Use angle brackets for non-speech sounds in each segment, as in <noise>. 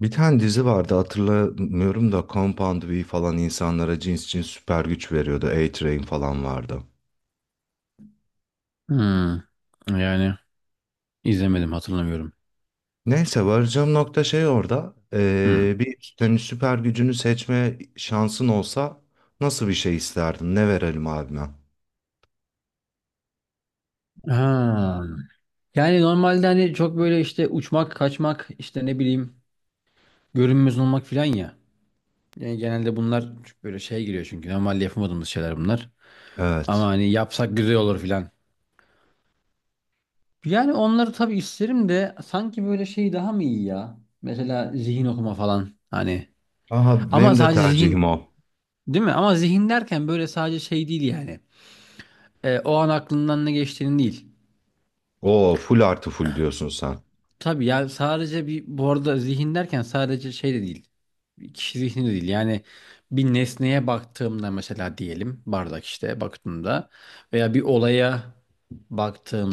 Bir tane dizi vardı, hatırlamıyorum da, Compound V falan insanlara cins cins süper güç veriyordu. A-Train falan vardı. Hmm. Yani izlemedim hatırlamıyorum. Neyse, varacağım nokta şey orada. Hmm. Bir, senin süper gücünü seçme şansın olsa nasıl bir şey isterdin? Ne verelim abime? Ha. Yani normalde hani çok böyle işte uçmak, kaçmak, işte ne bileyim görünmez olmak filan ya. Yani genelde bunlar böyle şey giriyor çünkü normalde yapamadığımız şeyler bunlar. Ama Evet. hani yapsak güzel olur filan. Yani onları tabii isterim de sanki böyle şey daha mı iyi ya? Mesela zihin okuma falan hani. Aha, Ama benim de sadece tercihim zihin o. değil mi? Ama zihin derken böyle sadece şey değil yani. E, o an aklından ne geçtiğini değil. Oo, full artı full diyorsun sen. Tabii ya sadece bir bu arada zihin derken sadece şey de değil. Bir kişi zihni de değil. Yani bir nesneye baktığımda mesela diyelim bardak işte baktığımda veya bir olaya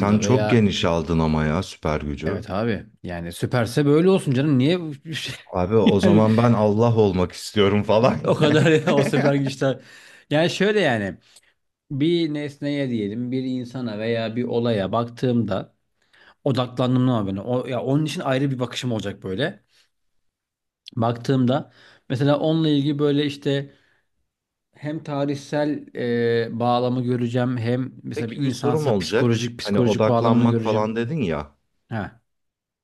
Sen çok veya geniş aldın ama ya süper gücü. evet abi yani süperse böyle olsun canım niye Abi, <laughs> o yani zaman ben Allah olmak istiyorum falan. o kadar ya, o süper <laughs> güçler yani şöyle yani bir nesneye diyelim bir insana veya bir olaya baktığımda odaklandım ama ben o ya onun için ayrı bir bakışım olacak böyle. Baktığımda mesela onunla ilgili böyle işte hem tarihsel bağlamı göreceğim hem mesela bir Peki, bir sorum insansa olacak. psikolojik Hani psikolojik bağlamını odaklanmak göreceğim. falan dedin ya. Ha,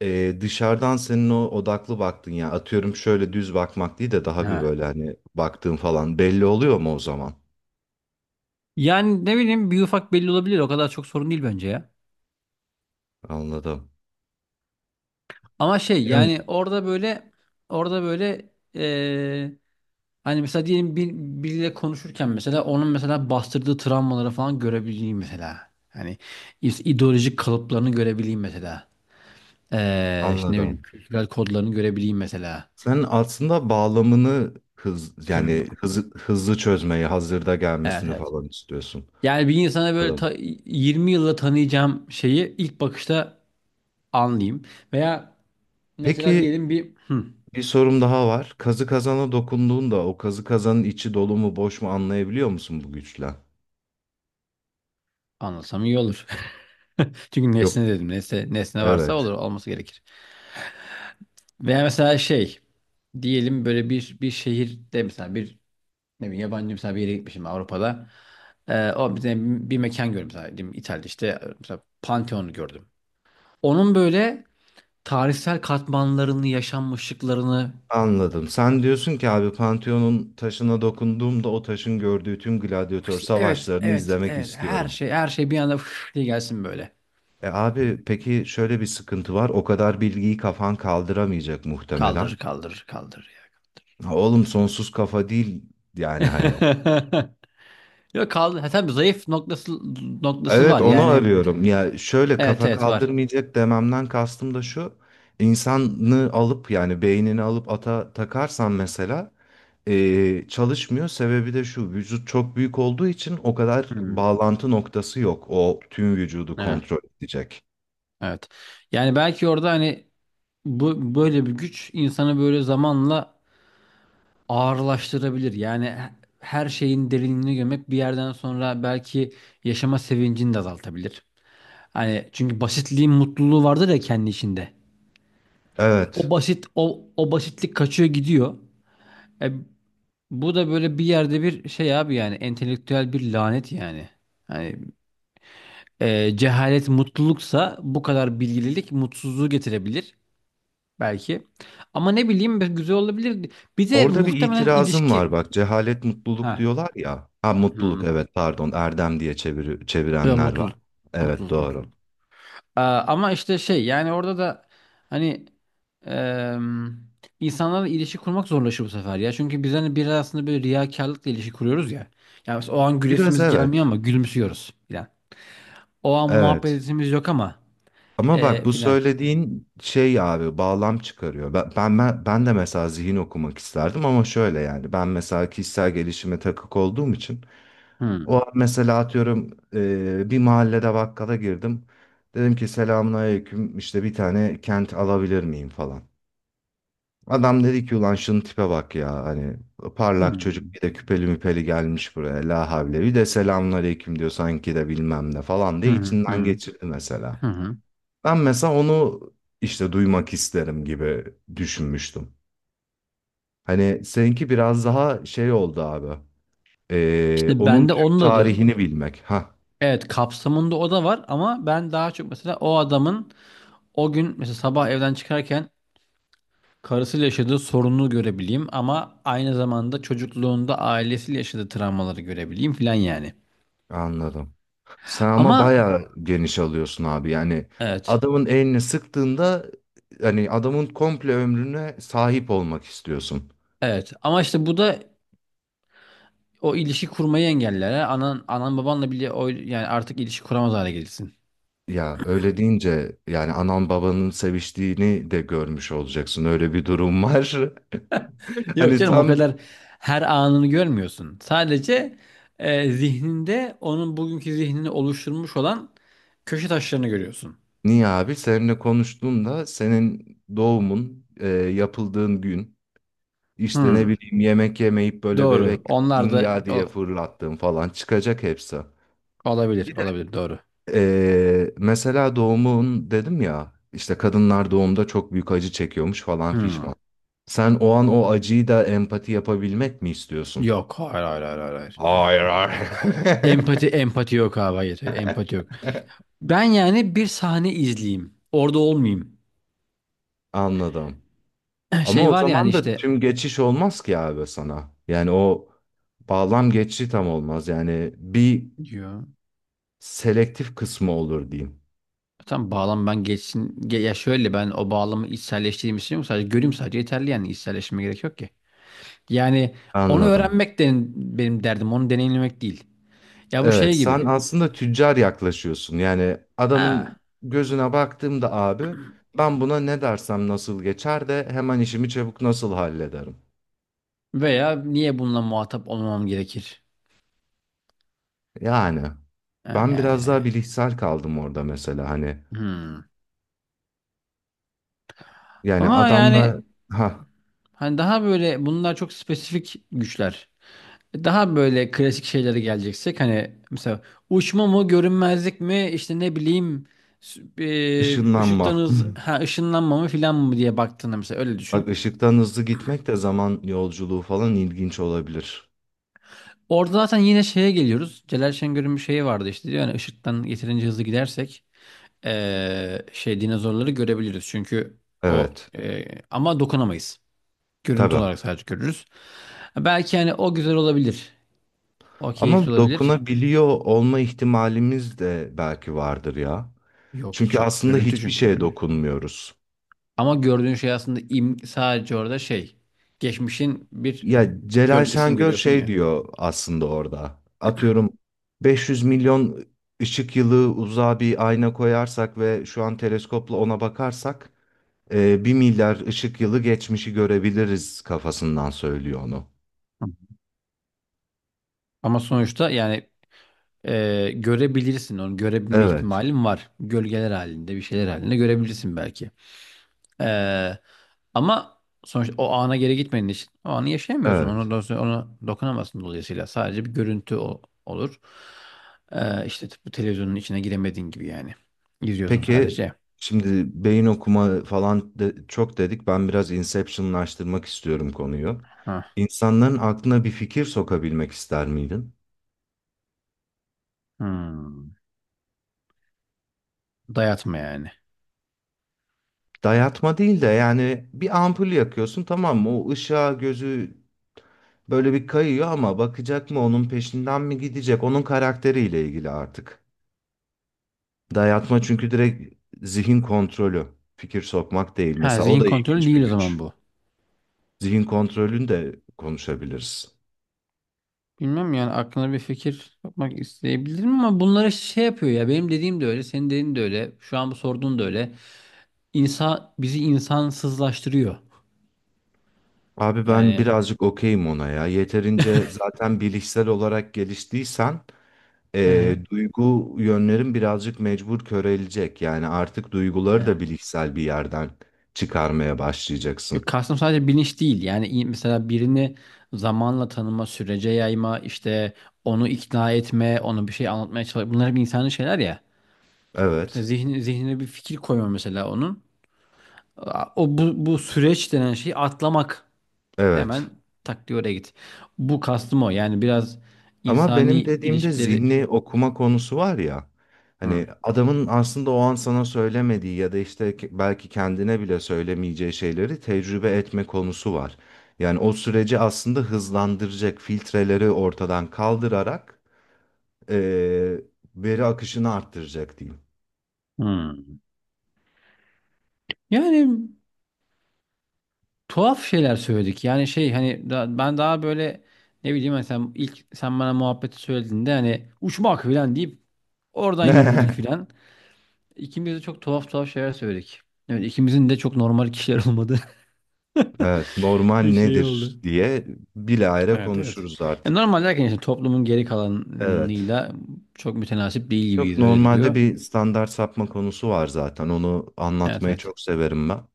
Dışarıdan senin o odaklı baktın ya. Atıyorum, şöyle düz bakmak değil de daha bir ha. böyle, hani baktığın falan belli oluyor mu o zaman? Yani ne bileyim bir ufak belli olabilir, o kadar çok sorun değil bence ya. Anladım. Ama şey Yani yani orada böyle orada böyle e, hani mesela diyelim biriyle konuşurken mesela onun mesela bastırdığı travmaları falan görebileyim mesela. Hani ideolojik kalıplarını görebileyim mesela. İşte ne bileyim anladım. kültürel kodlarını görebileyim mesela. Sen aslında bağlamını hız, Tabii yani hızı, hızlı çözmeyi, hazırda evet, gelmesini evet. falan istiyorsun. Yani bir insana böyle Anladım. 20 yılda tanıyacağım şeyi ilk bakışta anlayayım. Veya mesela Peki, diyelim bir bir sorum daha var. Kazı kazana dokunduğunda o kazı kazanın içi dolu mu boş mu anlayabiliyor musun bu güçle? anlasam iyi olur. <laughs> Çünkü nesne Yok. dedim. Nesne varsa Evet. olur, olması gerekir. Veya mesela şey diyelim böyle bir şehirde mesela bir ne bileyim yabancı, mesela bir yere gitmişim Avrupa'da. O bir mekan gördüm mesela, diyelim İtalya'da işte mesela Pantheon'u gördüm. Onun böyle tarihsel katmanlarını, yaşanmışlıklarını Anladım. Sen diyorsun ki abi, Pantheon'un taşına dokunduğumda o taşın gördüğü tüm gladyatör evet, savaşlarını evet, izlemek evet, her istiyorum. şey, her şey bir anda fış diye gelsin böyle. E abi, peki şöyle bir sıkıntı var. O kadar bilgiyi kafan kaldıramayacak muhtemelen. Kaldırır, kaldırır, kaldırır ya. Ha, oğlum, sonsuz kafa değil yani hani. <laughs> Yok, kaldı. Ha, tabii zayıf noktası Evet, var. onu Yani arıyorum. Ya şöyle, evet, kafa evet var. kaldırmayacak dememden kastım da şu. İnsanı alıp, yani beynini alıp ata takarsan mesela, çalışmıyor. Sebebi de şu: vücut çok büyük olduğu için o kadar Hmm, bağlantı noktası yok. O tüm vücudu evet, kontrol edecek. evet. Yani belki orada hani bu böyle bir güç insanı böyle zamanla ağırlaştırabilir. Yani her şeyin derinliğine gömek bir yerden sonra belki yaşama sevincini de azaltabilir. Hani çünkü basitliğin mutluluğu vardır ya kendi içinde. Evet. O basitlik kaçıyor, gidiyor. E, bu da böyle bir yerde bir şey abi, yani entelektüel bir lanet yani. Hani cehalet mutluluksa bu kadar bilgililik mutsuzluğu getirebilir belki. Ama ne bileyim, bir- güzel olabilir. Bir de Orada bir muhtemelen itirazım ilişki. var bak. Cehalet Ha. mutluluk diyorlar ya. Ha, mutluluk, Hmm. evet, pardon, erdem diye çeviri- Ya çevirenler var. mutluluk, Evet, mutluluk, mutluluk. doğru. Ama işte şey yani orada da hani em, insanlarla ilişki kurmak zorlaşıyor bu sefer ya. Çünkü biz hani biraz aslında böyle riyakarlıkla ilişki kuruyoruz ya. Yani mesela o an Biraz, güresimiz gelmiyor evet. ama gülümsüyoruz filan. O an Evet, muhabbetimiz yok ama ama bak bu filan. söylediğin şey abi bağlam çıkarıyor. Ben de mesela zihin okumak isterdim ama şöyle, yani ben mesela kişisel gelişime takık olduğum için o Hmm. an mesela atıyorum, e, bir mahallede bakkala girdim. Dedim ki selamun aleyküm, işte bir tane kent alabilir miyim falan. Adam dedi ki ulan şunun tipe bak ya, hani parlak çocuk, Hmm. bir de küpeli müpeli gelmiş buraya, la havle, bir de selamun aleyküm diyor sanki de bilmem ne falan Hı diye hı, içinden hı geçirdi mesela. hı. Hı. Ben mesela onu işte duymak isterim gibi düşünmüştüm. Hani seninki biraz daha şey oldu abi. İşte Onun bende tüm onun adı tarihini bilmek. Ha, evet kapsamında o da var, ama ben daha çok mesela o adamın o gün mesela sabah evden çıkarken karısıyla yaşadığı sorunu görebileyim ama aynı zamanda çocukluğunda ailesiyle yaşadığı travmaları görebileyim filan yani. anladım. Sen ama Ama bayağı geniş alıyorsun abi. Yani evet. adamın elini sıktığında hani adamın komple ömrüne sahip olmak istiyorsun. Evet. Ama işte bu da o ilişki kurmayı engeller. Ha. Anan babanla bile o yani artık ilişki kuramaz hale gelirsin. Ya öyle deyince yani anan babanın seviştiğini de görmüş olacaksın. Öyle bir durum var. <laughs> <laughs> Yok Hani canım, o tam. kadar her anını görmüyorsun. Sadece zihninde onun bugünkü zihnini oluşturmuş olan köşe taşlarını görüyorsun. Niye abi? Seninle konuştuğumda senin doğumun, e, yapıldığın gün, işte ne Hmm, bileyim, yemek yemeyip böyle bebek doğru. Onlar da inga diye fırlattığın falan çıkacak hepsi. olabilir, olabilir, doğru. E, mesela doğumun dedim ya, işte kadınlar doğumda çok büyük acı çekiyormuş falan fişman. Hmm. Sen o an o acıyı da empati yapabilmek mi istiyorsun? Yok. Hayır, hayır, hayır, hayır. Hayır, hayır, Hayır, hayır. hayır. Empati yok abi. Hayır. Empati <laughs> yok. Ben yani bir sahne izleyeyim. Orada olmayayım. Anladım. <clears throat> Ama Şey o var yani zaman da işte tüm geçiş olmaz ki abi sana. Yani o bağlam geçişi tam olmaz. Yani bir diyor. selektif kısmı olur diyeyim. Tam bağlam ben geçsin. Ya şöyle, ben o bağlamı içselleştireyim istiyorum. Sadece göreyim sadece, yeterli yani, içselleştirme gerek yok ki. Yani onu Anladım. öğrenmek de benim derdim. Onu deneyimlemek değil. Ya bu Evet, şey sen gibi. aslında tüccar yaklaşıyorsun. Yani adamın Ha. gözüne baktığımda abi, ben buna ne dersem nasıl geçer de hemen işimi çabuk nasıl hallederim. Veya niye bununla muhatap olmam gerekir? Yani Ha, ben yani biraz daha yani. bilişsel kaldım orada mesela hani. Hmm. Yani Ama adamla yani ha hani daha böyle bunlar çok spesifik güçler. E, daha böyle klasik şeylere geleceksek hani mesela uçma mı, görünmezlik mi, işte ne bileyim ışınlanma. ışıktan <laughs> hız ışınlanma mı filan mı diye baktığında mesela, öyle Bak, düşün. ışıktan hızlı gitmek de zaman yolculuğu falan ilginç olabilir. Orada zaten yine şeye geliyoruz. Celal Şengör'ün bir şeyi vardı işte, diyor yani ışıktan yeterince hızlı gidersek şey dinozorları görebiliriz. Çünkü o Evet, ama dokunamayız. Görüntü tabii. olarak sadece görürüz. Belki hani o güzel olabilir. O Ama keyifli olabilir. dokunabiliyor olma ihtimalimiz de belki vardır ya. Yok, Çünkü hiç yok. aslında Görüntü hiçbir çünkü şeye görünüyor. dokunmuyoruz. Ama gördüğün şey aslında im sadece orada şey. Geçmişin bir Ya Celal gölgesini Şengör görüyorsun şey ya. diyor aslında orada. Atıyorum, 500 milyon ışık yılı uzağa bir ayna koyarsak ve şu an teleskopla ona bakarsak, e, 1 milyar ışık yılı geçmişi görebiliriz kafasından söylüyor onu. Hı. Ama sonuçta yani görebilirsin onu. Görebilme Evet, ihtimalin var. Gölgeler halinde, bir şeyler halinde görebilirsin belki. E, ama sonuçta o ana geri gitmediğin için o anı yaşayamıyorsun. Onu, evet. do- onu dokunamazsın dolayısıyla. Sadece bir görüntü olur. E, işte bu televizyonun içine giremediğin gibi yani. İzliyorsun Peki, sadece. şimdi beyin okuma falan de- çok dedik. Ben biraz inceptionlaştırmak istiyorum konuyu. Hah. İnsanların aklına bir fikir sokabilmek ister miydin? Hmm. Dayatma yani. Dayatma değil de yani bir ampul yakıyorsun, tamam mı? O ışığa gözü böyle bir kayıyor ama bakacak mı, onun peşinden mi gidecek? Onun karakteriyle ilgili artık. Dayatma çünkü direkt zihin kontrolü. Fikir sokmak değil. Ha, Mesela o zihin da kontrolü ilginç bir değil o zaman güç. bu. Zihin kontrolünü de konuşabiliriz. Bilmem, yani aklına bir fikir yapmak isteyebilirim ama bunları şey yapıyor ya, benim dediğim de öyle, senin dediğin de öyle, şu an bu sorduğun da öyle. İnsan bizi insansızlaştırıyor. Abi, ben Yani. birazcık okeyim ona ya. Yeterince zaten bilişsel olarak geliştiysen Hı hı. Duygu yönlerin birazcık mecbur körelecek. Yani artık duyguları Hı. da bilişsel bir yerden çıkarmaya Yok, başlayacaksın. kastım sadece bilinç değil. Yani mesela birini zamanla tanıma, sürece yayma, işte onu ikna etme, onu bir şey anlatmaya çalışma. Bunlar hep insani şeyler ya. Mesela Evet, zihni, zihnine bir fikir koyma mesela onun. O bu süreç denen şeyi atlamak. Hemen evet. tak diye oraya git. Bu kastım o. Yani biraz Ama insani benim dediğimde ilişkileri. zihni okuma konusu var ya. Hı. Hani adamın aslında o an sana söylemediği ya da işte ke- belki kendine bile söylemeyeceği şeyleri tecrübe etme konusu var. Yani o süreci aslında hızlandıracak filtreleri ortadan kaldırarak, eee, veri akışını arttıracak diyeyim. Hı. Yani tuhaf şeyler söyledik. Yani şey hani ben daha böyle ne bileyim hani, sen ilk sen bana muhabbeti söylediğinde hani uçmak falan deyip oradan yürürdük <laughs> falan. İkimiz de çok tuhaf tuhaf şeyler söyledik. Evet, ikimizin de çok normal kişiler olmadı. <laughs> Evet, normal Bir şey oldu. nedir diye bilahare Evet, evet. konuşuruz Ya artık. normal derken işte toplumun geri Evet. kalanıyla çok mütenasip değil Çok gibiyiz, öyle normalde duruyor. bir standart sapma konusu var zaten. Onu Evet, anlatmayı evet. çok severim ben.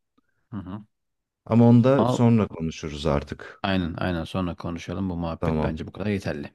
Hı hı. Ama onu da Ama sonra konuşuruz artık. aynen, aynen sonra konuşalım. Bu muhabbet Tamam. bence bu kadar yeterli.